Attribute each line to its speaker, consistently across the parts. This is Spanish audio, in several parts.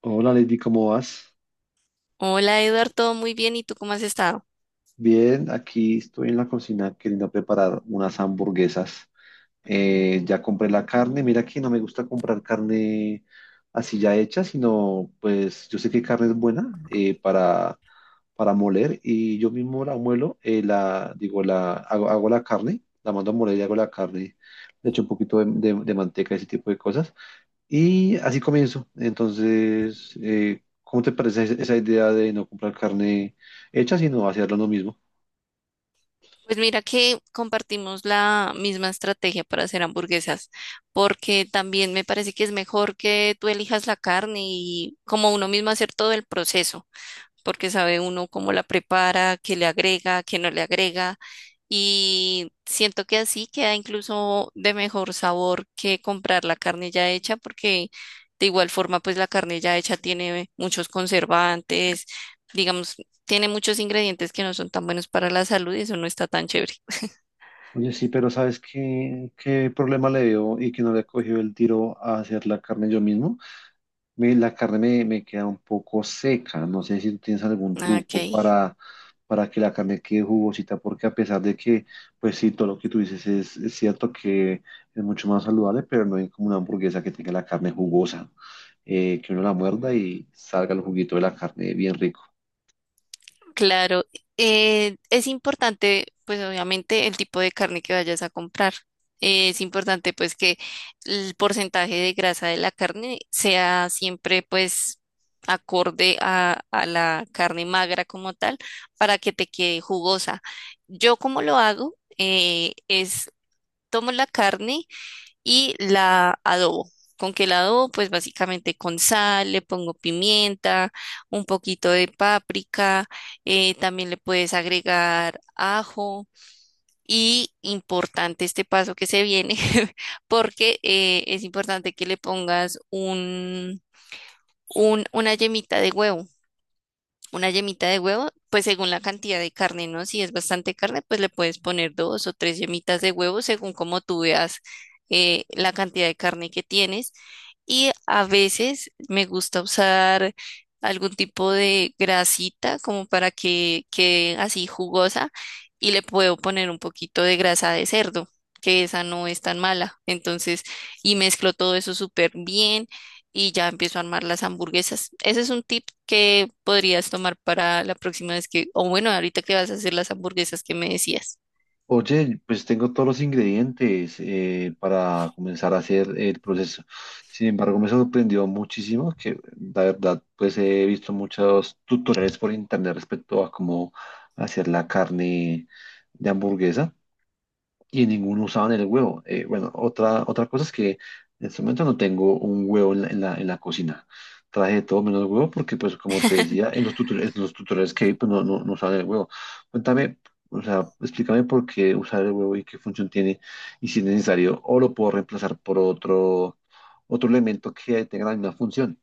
Speaker 1: Hola Lady, ¿cómo vas?
Speaker 2: Hola Eduardo, todo muy bien. ¿Y tú cómo has estado?
Speaker 1: Bien, aquí estoy en la cocina queriendo preparar unas hamburguesas. Ya compré la carne, mira que no me gusta comprar carne así ya hecha, sino pues yo sé que carne es buena, para moler y yo mismo la muelo. La, digo, la, hago, Hago la carne, la mando a moler y hago la carne, le echo un poquito de manteca, ese tipo de cosas. Y así comienzo. Entonces, ¿cómo te parece esa idea de no comprar carne hecha, sino hacerlo uno mismo?
Speaker 2: Pues mira que compartimos la misma estrategia para hacer hamburguesas, porque también me parece que es mejor que tú elijas la carne y como uno mismo hacer todo el proceso, porque sabe uno cómo la prepara, qué le agrega, qué no le agrega. Y siento que así queda incluso de mejor sabor que comprar la carne ya hecha, porque de igual forma, pues la carne ya hecha tiene muchos conservantes, digamos, tiene muchos ingredientes que no son tan buenos para la salud y eso no está tan chévere.
Speaker 1: Oye, sí, pero ¿sabes qué problema le veo y que no le he cogido el tiro a hacer la carne yo mismo? La carne me queda un poco seca. No sé si tú tienes algún
Speaker 2: Ah,
Speaker 1: truco
Speaker 2: ok.
Speaker 1: para que la carne quede jugosita, porque a pesar de que, pues sí, todo lo que tú dices es cierto que es mucho más saludable, pero no hay como una hamburguesa que tenga la carne jugosa, que uno la muerda y salga el juguito de la carne bien rico.
Speaker 2: Claro, es importante, pues obviamente, el tipo de carne que vayas a comprar. Es importante, pues, que el porcentaje de grasa de la carne sea siempre, pues, acorde a la carne magra como tal, para que te quede jugosa. Yo, como lo hago, es tomo la carne y la adobo. ¿Con que la adobo? Pues básicamente con sal, le pongo pimienta, un poquito de páprica, también le puedes agregar ajo. Y importante este paso que se viene, porque es importante que le pongas una yemita de huevo, una yemita de huevo, pues según la cantidad de carne, ¿no? Si es bastante carne, pues le puedes poner dos o tres yemitas de huevo según como tú veas la cantidad de carne que tienes. Y a veces me gusta usar algún tipo de grasita como para que quede así jugosa y le puedo poner un poquito de grasa de cerdo, que esa no es tan mala. Entonces, y mezclo todo eso súper bien y ya empiezo a armar las hamburguesas. Ese es un tip que podrías tomar para la próxima vez que, o bueno, ahorita que vas a hacer las hamburguesas que me decías.
Speaker 1: Oye, pues tengo todos los ingredientes, para comenzar a hacer el proceso. Sin embargo, me sorprendió muchísimo que la verdad, pues he visto muchos tutoriales por internet respecto a cómo hacer la carne de hamburguesa y ninguno usaban el huevo. Bueno, otra cosa es que en este momento no tengo un huevo en en la cocina. Traje de todo menos huevo porque, pues, como te decía, en los tutoriales que vi, pues, no usaban el huevo. Cuéntame, o sea, explícame por qué usar el huevo y qué función tiene y si es necesario o lo puedo reemplazar por otro, otro elemento que tenga la misma función.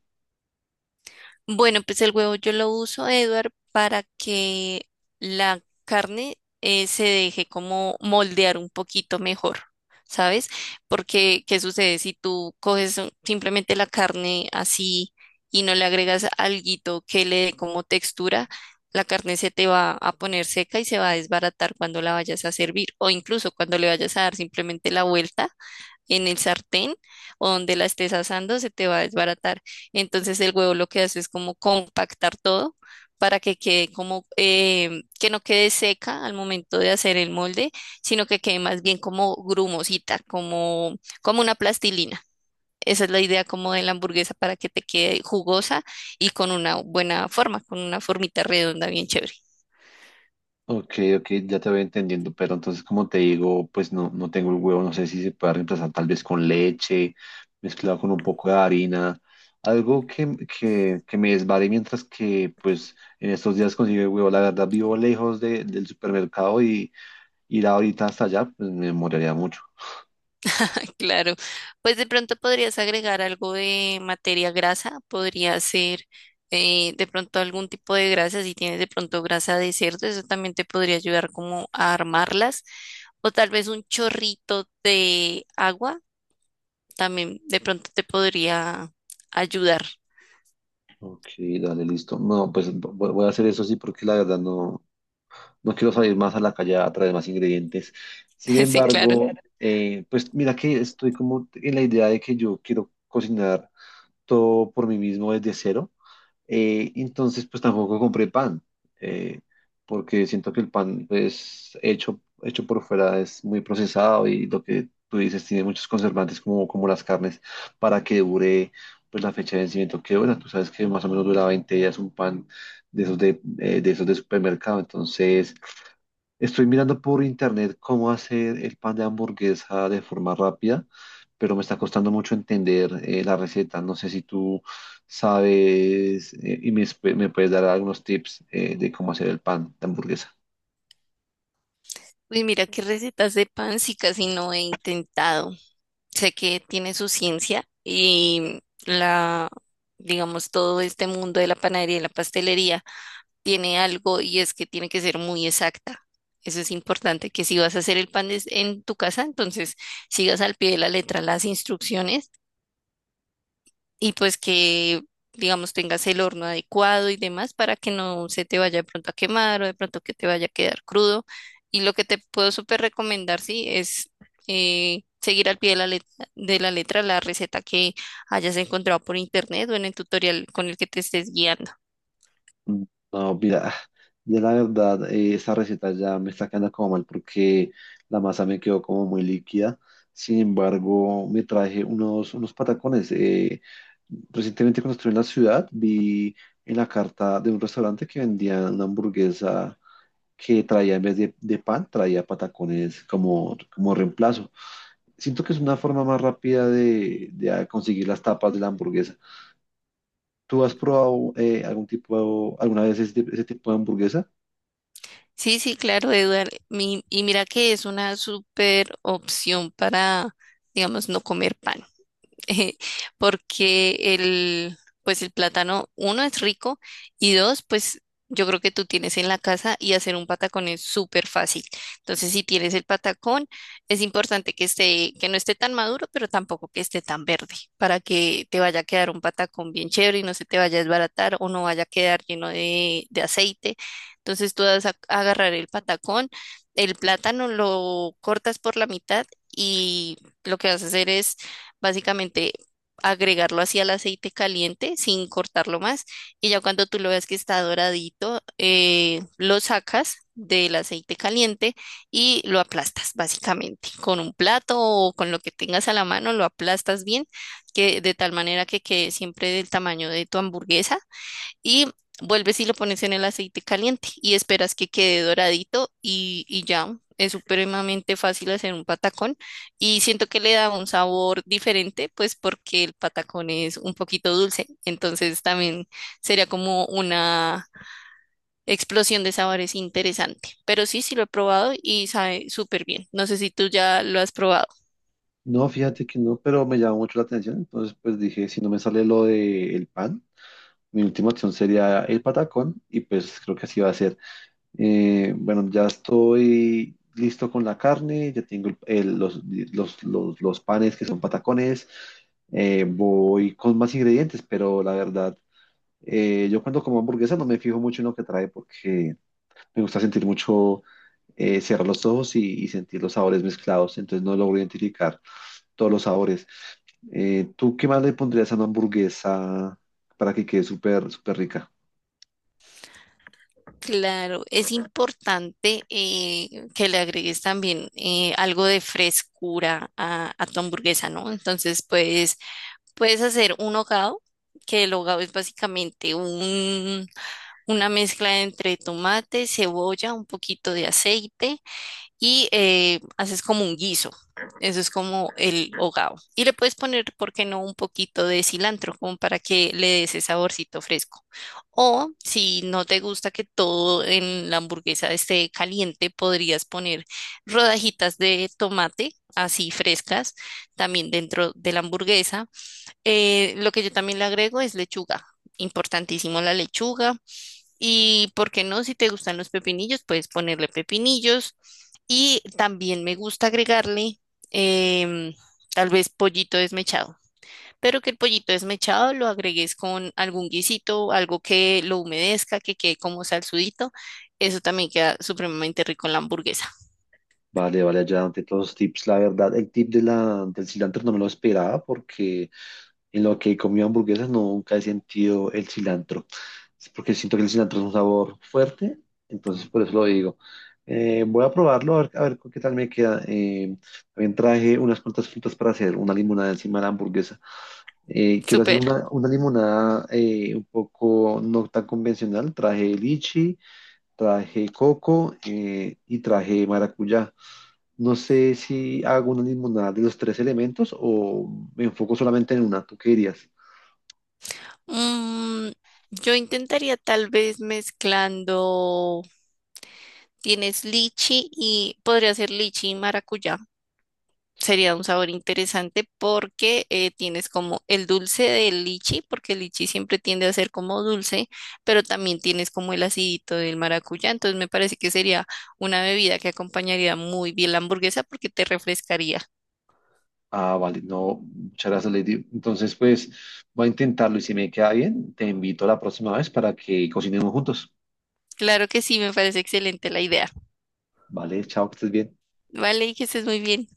Speaker 2: Bueno, pues el huevo yo lo uso, Edward, para que la carne se deje como moldear un poquito mejor, ¿sabes? Porque, ¿qué sucede si tú coges un- simplemente la carne así y no le agregas alguito que le dé como textura? La carne se te va a poner seca y se va a desbaratar cuando la vayas a servir o incluso cuando le vayas a dar simplemente la vuelta en el sartén o donde la estés asando, se te va a desbaratar. Entonces el huevo lo que hace es como compactar todo para que quede como, que no quede seca al momento de hacer el molde, sino que quede más bien como grumosita, como una plastilina. Esa es la idea como de la hamburguesa para que te quede jugosa y con una buena forma, con una formita redonda bien chévere.
Speaker 1: Ok, ok, ya te voy entendiendo, pero entonces como te digo, pues no tengo el huevo, no sé si se puede reemplazar tal vez con leche, mezclado con un poco de harina, algo que me desvare mientras que pues en estos días consigo el huevo. La verdad vivo lejos del supermercado, y ir ahorita hasta allá, pues me demoraría mucho.
Speaker 2: Claro, pues de pronto podrías agregar algo de materia grasa, podría ser de pronto algún tipo de grasa, si tienes de pronto grasa de cerdo, eso también te podría ayudar como a armarlas, o tal vez un chorrito de agua, también de pronto te podría ayudar.
Speaker 1: Ok, dale, listo. No, pues voy a hacer eso, sí, porque la verdad no, no quiero salir más a la calle a traer más ingredientes. Sin Sí,
Speaker 2: Sí, claro.
Speaker 1: embargo, claro. Pues mira que estoy como en la idea de que yo quiero cocinar todo por mí mismo desde cero. Entonces, pues tampoco compré pan, eh, porque siento que el pan, pues, hecho por fuera es muy procesado, y lo que tú dices, tiene muchos conservantes como, como las carnes para que dure. Pues la fecha de vencimiento que dura, tú sabes que más o menos dura 20 días un pan de esos de supermercado. Entonces estoy mirando por internet cómo hacer el pan de hamburguesa de forma rápida, pero me está costando mucho entender, la receta. No sé si tú sabes, y me, me puedes dar algunos tips, de cómo hacer el pan de hamburguesa.
Speaker 2: Uy, mira qué recetas de pan, sí casi no he intentado. Sé que tiene su ciencia y la, digamos, todo este mundo de la panadería y la pastelería tiene algo y es que tiene que ser muy exacta. Eso es importante, que si vas a hacer el pan des- en tu casa, entonces sigas al pie de la letra las instrucciones y pues que, digamos, tengas el horno adecuado y demás para que no se te vaya de pronto a quemar o de pronto que te vaya a quedar crudo. Y lo que te puedo súper recomendar, sí, es seguir al pie de la letra la receta que hayas encontrado por internet o en el tutorial con el que te estés guiando.
Speaker 1: Mm, No, mira, ya la verdad, esa receta ya me está quedando como mal porque la masa me quedó como muy líquida. Sin embargo, me traje unos, unos patacones. Recientemente cuando estuve en la ciudad, vi en la carta de un restaurante que vendían una hamburguesa que traía, en vez de pan, traía patacones como, como reemplazo. Siento que es una forma más rápida de conseguir las tapas de la hamburguesa. ¿Tú has probado, algún tipo, alguna vez ese, ese tipo de hamburguesa?
Speaker 2: Sí, sí, claro, Eduard. Mi- y mira que es una súper opción para, digamos, no comer pan. Porque pues el plátano, uno, es rico y dos, pues yo creo que tú tienes en la casa y hacer un patacón es súper fácil. Entonces, si tienes el patacón, es importante que esté, que no esté tan maduro, pero tampoco que esté tan verde, para que te vaya a quedar un patacón bien chévere y no se te vaya a desbaratar o no vaya a quedar lleno de aceite. Entonces, tú vas a agarrar el patacón, el plátano lo cortas por la mitad y lo que vas a hacer es básicamente agregarlo así al aceite caliente sin cortarlo más y ya cuando tú lo veas que está doradito, lo sacas del aceite caliente y lo aplastas básicamente con un plato o con lo que tengas a la mano, lo aplastas bien, que de tal manera que quede siempre del tamaño de tu hamburguesa y vuelves y lo pones en el aceite caliente y esperas que quede doradito y ya. Es supremamente fácil hacer un patacón y siento que le da un sabor diferente, pues porque el patacón es un poquito dulce, entonces también sería como una explosión de sabores interesante. Pero sí, sí lo he probado y sabe súper bien. No sé si tú ya lo has probado.
Speaker 1: No, fíjate que no, pero me llamó mucho la atención. Entonces, pues dije, si no me sale lo del pan, mi última opción sería el patacón, y pues creo que así va a ser. Bueno, ya estoy listo con la carne, ya tengo los panes que son patacones. Voy con más ingredientes, pero la verdad, yo cuando como hamburguesa no me fijo mucho en lo que trae porque me gusta sentir mucho, cerrar los ojos y sentir los sabores mezclados, entonces no logro identificar todos los sabores. ¿Tú qué más le pondrías a una hamburguesa para que quede súper, súper rica?
Speaker 2: Claro, es importante que le agregues también algo de frescura a tu hamburguesa, ¿no? Entonces, pues, puedes hacer un hogado, que el hogado es básicamente una mezcla entre tomate, cebolla, un poquito de aceite y haces como un guiso. Eso es como el hogao. Y le puedes poner, ¿por qué no?, un poquito de cilantro, como para que le dé ese saborcito fresco. O si no te gusta que todo en la hamburguesa esté caliente, podrías poner rodajitas de tomate, así frescas, también dentro de la hamburguesa. Lo que yo también le agrego es lechuga. Importantísimo la lechuga. Y por qué no, si te gustan los pepinillos, puedes ponerle pepinillos. Y también me gusta agregarle em, tal vez pollito desmechado, pero que el pollito desmechado lo agregues con algún guisito, algo que lo humedezca, que quede como salsudito. Eso también queda supremamente rico en la hamburguesa.
Speaker 1: Vale, vale, ya ante todos los tips. La verdad, el tip del cilantro no me lo esperaba porque en lo que he comido hamburguesas nunca he sentido el cilantro. Es porque siento que el cilantro es un sabor fuerte, entonces por eso lo digo. Voy a probarlo, a ver con qué tal me queda. También traje unas cuantas frutas para hacer una limonada encima de la hamburguesa. Quiero hacer
Speaker 2: Súper.
Speaker 1: una limonada, un poco no tan convencional. Traje lichi, traje coco, y traje maracuyá. No sé si hago una limonada de los tres elementos o me enfoco solamente en una. ¿Tú qué dirías?
Speaker 2: Mm, yo intentaría tal vez mezclando, tienes lichi y podría ser lichi y maracuyá. Sería un sabor interesante porque tienes como el dulce del lichi, porque el lichi siempre tiende a ser como dulce, pero también tienes como el acidito del maracuyá. Entonces me parece que sería una bebida que acompañaría muy bien la hamburguesa porque te refrescaría.
Speaker 1: Ah, vale, no, muchas gracias, Lady. Entonces, pues voy a intentarlo, y si me queda bien, te invito a la próxima vez para que cocinemos juntos.
Speaker 2: Claro que sí, me parece excelente la idea.
Speaker 1: Vale, chao, que estés bien.
Speaker 2: Vale, y que estés muy bien.